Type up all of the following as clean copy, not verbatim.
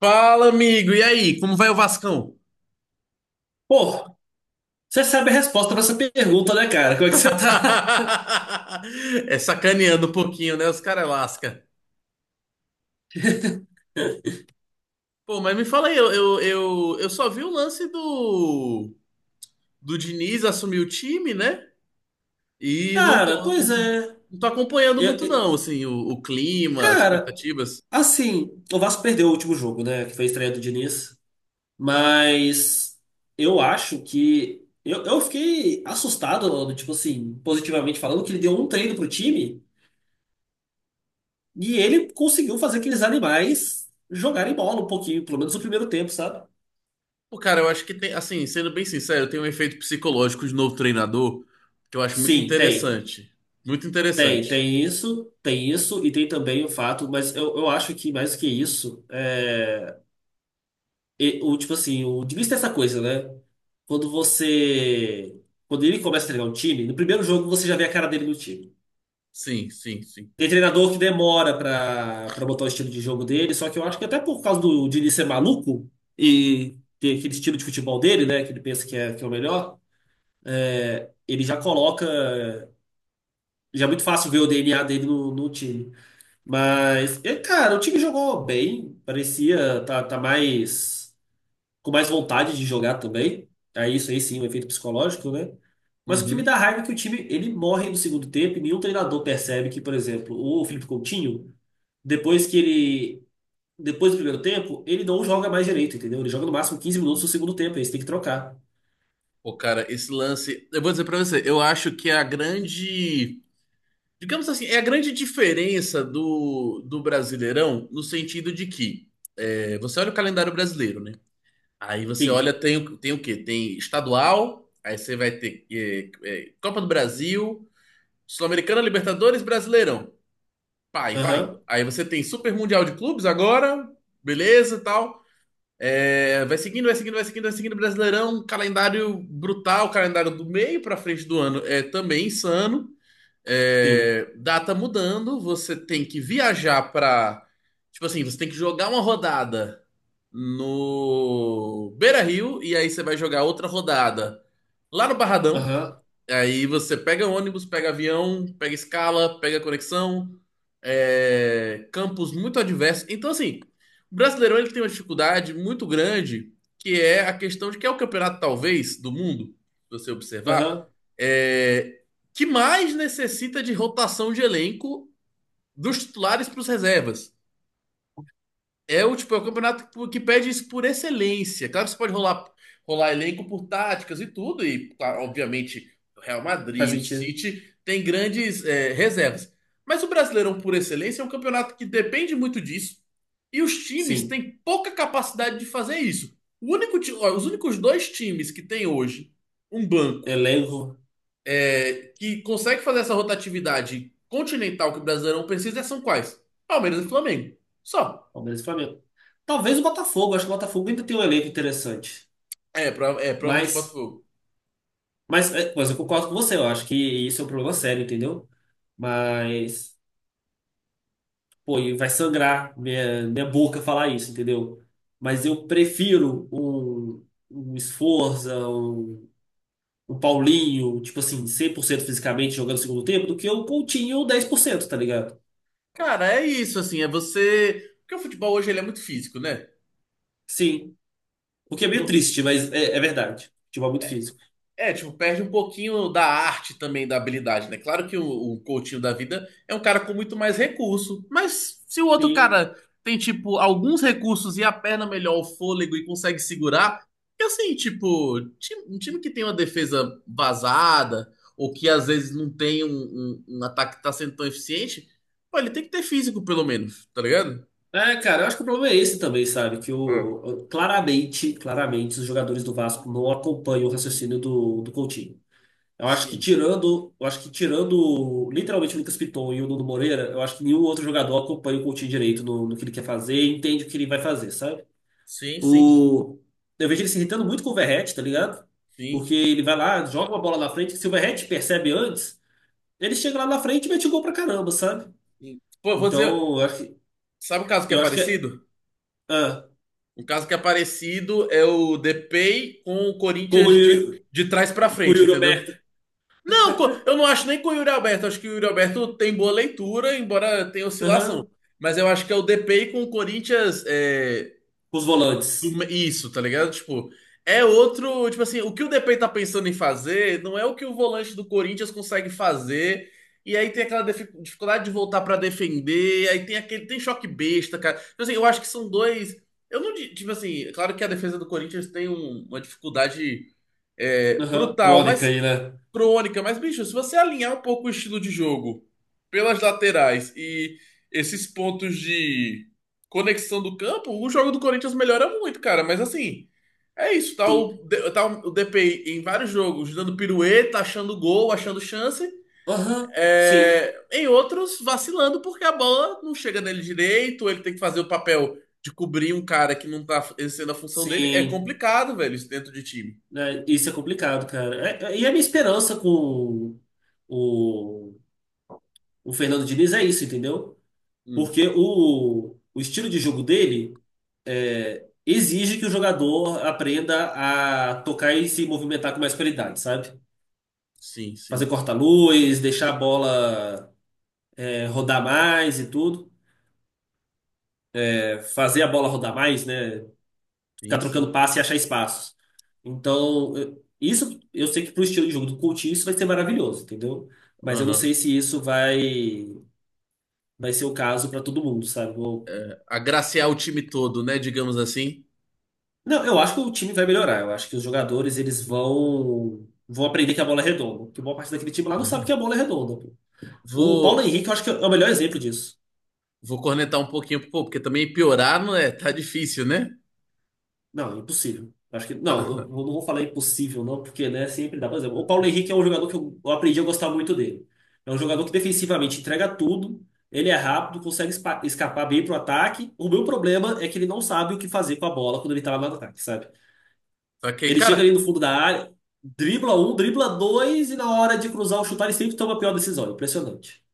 Fala, amigo. E aí, como vai o Vascão? Pô, você sabe a resposta pra essa pergunta, né, cara? Como é que você tá? É sacaneando um pouquinho, né? Os caras lasca. Pô, mas me fala aí, eu só vi o lance do Diniz assumir o time, né? E Cara, pois é. não tô acompanhando Eu- muito, eu- não, assim, o clima, as cara, expectativas. assim, o Vasco perdeu o último jogo, né? Que foi a estreia do Diniz. Mas eu acho que. Eu fiquei assustado, Aldo, tipo assim, positivamente falando, que ele deu um treino pro time e ele conseguiu fazer aqueles animais jogarem bola um pouquinho, pelo menos no primeiro tempo, sabe? Pô, cara, eu acho que tem, assim, sendo bem sincero, tem um efeito psicológico de novo treinador que eu acho muito Sim, tem. interessante. Muito Tem, interessante. Tem isso, e tem também o fato, mas eu acho que mais do que isso, tipo assim, o Diniz tem essa coisa, né? Quando você. Quando ele começa a treinar um time, no primeiro jogo você já vê a cara dele no time. Sim, sim, sim. Tem treinador que demora pra botar o estilo de jogo dele, só que eu acho que até por causa do Diniz ser maluco e ter aquele estilo de futebol dele, né? Que ele pensa que é o melhor, ele já coloca. Já é muito fácil ver o DNA dele no time. Mas, é, cara, o time jogou bem, parecia tá mais com mais vontade de jogar também. Aí isso aí sim, um efeito psicológico, né? Mas o que me Uhum. dá raiva é que o time ele morre no segundo tempo e nenhum treinador percebe que, por exemplo, o Felipe Coutinho, depois que ele depois do primeiro tempo, ele não joga mais direito, entendeu? Ele joga no máximo 15 minutos no segundo tempo, aí você tem que trocar. Pô, cara, esse lance. Eu vou dizer pra você, eu acho que é a grande. Digamos assim, é a grande diferença do Brasileirão no sentido de que você olha o calendário brasileiro, né? Aí você Sim. olha, tem, tem o quê? Tem estadual, aí você vai ter Copa do Brasil, Sul-Americana, Libertadores, Brasileirão. Pai, vai Aham. indo. Aí você tem Super Mundial de Clubes agora, beleza e tal. É, vai seguindo. Brasileirão, calendário brutal, calendário do meio para frente do ano é também insano. Sim. É, data mudando, você tem que viajar para, tipo assim, você tem que jogar uma rodada no Beira-Rio e aí você vai jogar outra rodada lá no Barradão. Aham. Aí você pega ônibus, pega avião, pega escala, pega conexão, campos muito adversos. Então, assim, o Brasileirão ele tem uma dificuldade muito grande, que é a questão de que é o campeonato, talvez, do mundo, se você observar, Aham. é, que mais necessita de rotação de elenco dos titulares para os reservas. É o tipo, é o campeonato que pede isso por excelência. Claro que você pode rolar, rolar elenco por táticas e tudo, e claro, obviamente o Real Faz Madrid, o sentido. City tem grandes reservas. Mas o Brasileirão por excelência é um campeonato que depende muito disso, e os times Sim. têm pouca capacidade de fazer isso. O único, ó, os únicos dois times que tem hoje um banco Elenco. Que consegue fazer essa rotatividade continental que o Brasileirão precisa são quais? Palmeiras e Flamengo. Só. Palmeiras e Flamengo. Talvez o Botafogo, acho que o Botafogo ainda tem um elenco interessante. É, é provavelmente o Mas, Botafogo. Mas eu concordo com você, eu acho que isso é um problema sério, entendeu? Mas, pô, e vai sangrar minha boca falar isso, entendeu? Mas eu prefiro um Sforza, um Paulinho, tipo assim, 100% fisicamente jogando no segundo tempo, do que um Coutinho 10% tá ligado? Cara, é isso, assim, é você. Porque o futebol hoje ele é muito físico, né? Sim. O que é meio No- triste, mas é verdade. Futebol é muito físico. É, tipo, perde um pouquinho da arte também, da habilidade, né? Claro que o Coutinho da vida é um cara com muito mais recurso, mas se o outro Sim, cara tem, tipo, alguns recursos e a perna melhor, o fôlego e consegue segurar, que assim, tipo, um time que tem uma defesa vazada, ou que às vezes não tem um, um ataque que tá sendo tão eficiente, pô, ele tem que ter físico, pelo menos, tá ligado? é, cara, eu acho que o problema é esse também, sabe? Que Hum. o, claramente, claramente, os jogadores do Vasco não acompanham o raciocínio do Coutinho. Eu acho que Sim. tirando, eu acho que tirando literalmente o Lucas Piton e o Nuno Moreira, eu acho que nenhum outro jogador acompanha o Coutinho direito no que ele quer fazer e entende o que ele vai fazer, sabe? Sim, sim. O, eu vejo ele se irritando muito com o Verratti, tá ligado? Sim, Porque ele vai lá, joga uma bola na frente, se o Verratti percebe antes, ele chega lá na frente e mete gol pra caramba, sabe? sim. Pô, eu vou dizer, Então, sabe um caso que é eu acho que, é. parecido? Ah, Um caso que é parecido é o Depay com o Corinthians corro de trás pra por frente, Yuri entendeu? Alberto. Não, eu não acho nem com o Yuri Alberto. Acho que o Yuri Alberto tem boa leitura, embora tenha oscilação. Aham. Mas eu acho que é o Depay com o Corinthians Com os volantes. Isso, tá ligado? Tipo, é outro. Tipo assim, o que o DP tá pensando em fazer não é o que o volante do Corinthians consegue fazer. E aí tem aquela dificuldade de voltar pra defender. E aí tem aquele. Tem choque besta, cara. Tipo assim, eu acho que são dois. Eu não. Tipo assim, é claro que a defesa do Corinthians tem uma dificuldade Aham. brutal, Crônica mas aí, né? crônica, mas, bicho, se você alinhar um pouco o estilo de jogo pelas laterais e esses pontos de conexão do campo, o jogo do Corinthians melhora muito, cara. Mas assim, é isso. Tá Sim. o, tá o DPI em vários jogos dando pirueta, achando gol, achando chance. Aham. Sim. É, em outros, vacilando porque a bola não chega nele direito, ele tem que fazer o papel de cobrir um cara que não tá exercendo a função dele. É Sim. complicado, velho, isso dentro de time. Né, isso é complicado, cara. E a minha esperança com o, o Fernando Diniz é isso, entendeu? Hum, Porque o estilo de jogo dele é, exige que o jogador aprenda a tocar e se movimentar com mais qualidade, sabe? sim, Fazer sim, corta-luz, deixar a bola é, rodar mais e tudo. É, fazer a bola rodar mais, né? Ficar sim, trocando sim. passe e achar espaços. Então, isso eu sei que pro estilo de jogo do Coutinho isso vai ser maravilhoso, entendeu? Mas eu não Aham. sei se isso vai ser o caso para todo mundo, sabe? Eh, agraciar o time todo, né? Digamos assim. Não, eu acho que o time vai melhorar. Eu acho que os jogadores eles vão aprender que a bola é redonda, porque boa parte daquele time lá não sabe que a bola é redonda, pô. O Paulo Vou, Henrique eu acho que é o melhor exemplo disso. vou cornetar um pouquinho, pô, porque também piorar não é, tá difícil, né? Não, impossível. Acho que. Não, eu não vou falar impossível, não, porque, né, sempre dá. Por exemplo, o Paulo Henrique é um jogador que eu aprendi a gostar muito dele. É um jogador que defensivamente entrega tudo, ele é rápido, consegue escapar bem pro ataque. O meu problema é que ele não sabe o que fazer com a bola quando ele tá lá no ataque, sabe? Só que, Ele chega cara, ali no fundo da área, dribla um, dribla dois, e na hora de cruzar ou chutar, ele sempre toma a pior decisão. Impressionante.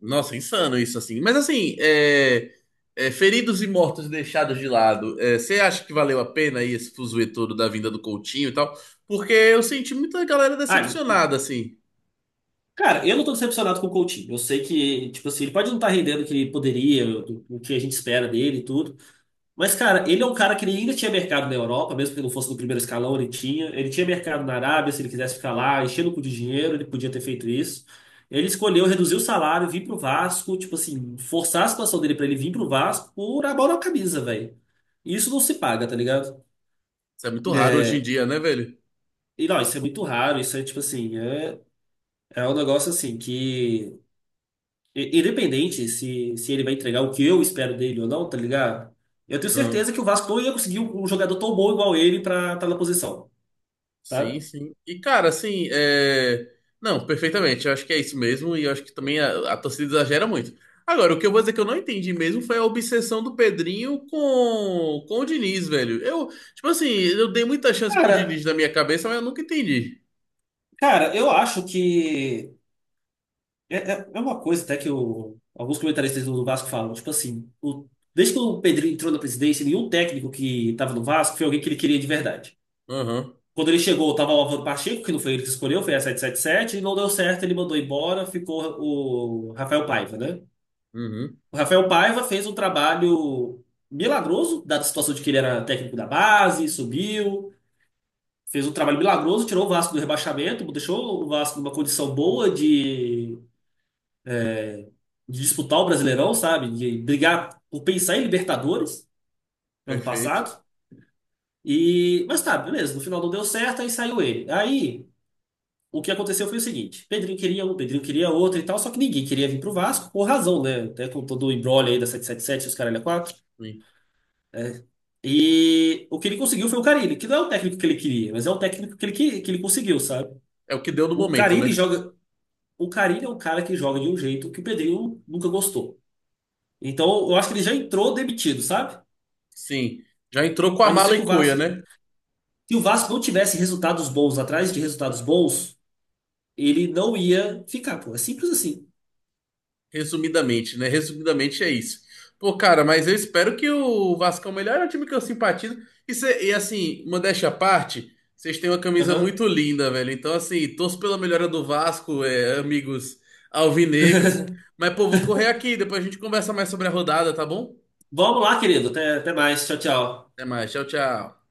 nossa, insano isso assim. Mas assim, é, feridos e mortos deixados de lado, é, você acha que valeu a pena aí esse fuzuê todo da vinda do Coutinho e tal? Porque eu senti muita galera Ah, decepcionada, assim. cara, eu não tô decepcionado com o Coutinho. Eu sei que, tipo assim, ele pode não estar rendendo o que ele poderia, o que a gente espera dele e tudo. Mas, cara, ele é um cara que ele ainda tinha mercado na Europa, mesmo que ele não fosse no primeiro escalão, ele tinha. Ele tinha mercado na Arábia, se ele quisesse ficar lá, enchendo o cu de dinheiro, ele podia ter feito isso. Ele escolheu reduzir o salário, vir pro Vasco, tipo assim, forçar a situação dele pra ele vir pro Vasco por amor à camisa, velho. Isso não se paga, tá ligado? Isso é muito raro É, hoje em dia, né, velho? e não, isso é muito raro, isso é tipo assim, é, é um negócio assim que. Independente se, se ele vai entregar o que eu espero dele ou não, tá ligado? Eu tenho certeza que o Vasco não ia conseguir um jogador tão bom igual ele pra estar na posição, Sim, sabe? sim. E, cara, assim, é... Não, perfeitamente. Eu acho que é isso mesmo. E eu acho que também a torcida exagera muito. Agora, o que eu vou dizer que eu não entendi mesmo foi a obsessão do Pedrinho com o Diniz, velho. Eu, tipo assim, eu dei muita chance pro Cara, Diniz na minha cabeça, mas eu nunca entendi. cara, eu acho que é uma coisa até que alguns comentaristas do Vasco falam, tipo assim, desde que o Pedrinho entrou na presidência, nenhum técnico que estava no Vasco foi alguém que ele queria de verdade. Aham, Quando ele chegou, tava o Álvaro Pacheco, que não foi ele que escolheu, foi a 777 e não deu certo, ele mandou embora, ficou o Rafael Paiva, né? uhum, O Rafael Paiva fez um trabalho milagroso, da situação de que ele era técnico da base, subiu, fez um trabalho milagroso, tirou o Vasco do rebaixamento, deixou o Vasco numa condição boa de disputar o Brasileirão, sabe? De brigar por pensar em Libertadores ano perfeito. passado. E, mas tá, beleza, no final não deu certo, aí saiu ele. Aí o que aconteceu foi o seguinte: Pedrinho queria um, Pedrinho queria outro e tal, só que ninguém queria vir pro Vasco, por razão, né? Até com todo o embrolho aí da 777, os caralho a 4. Sim. É. E o que ele conseguiu foi o Carille, que não é o técnico que ele queria, mas é o técnico que ele, que ele conseguiu, sabe? É o que deu no O momento, Carille né? joga. O Carille é um cara que joga de um jeito que o Pedrinho nunca gostou. Então eu acho que ele já entrou demitido, sabe? Sim. Já entrou com a A não ser mala que e o cuia, Vasco. né? Se o Vasco não tivesse resultados bons atrás de resultados bons, ele não ia ficar, pô. É simples assim. Resumidamente, né? Resumidamente é isso. Pô, cara, mas eu espero que o Vascão melhore, é o time que eu simpatizo. E, e, assim, modéstia à parte, vocês têm uma camisa Aham. muito linda, velho. Então, assim, torço pela melhora do Vasco, é, amigos alvinegros. Mas, pô, vou correr aqui, depois a gente conversa mais sobre a rodada, tá bom? Vamos lá, querido. Até, até mais. Tchau, tchau. Até mais, tchau, tchau.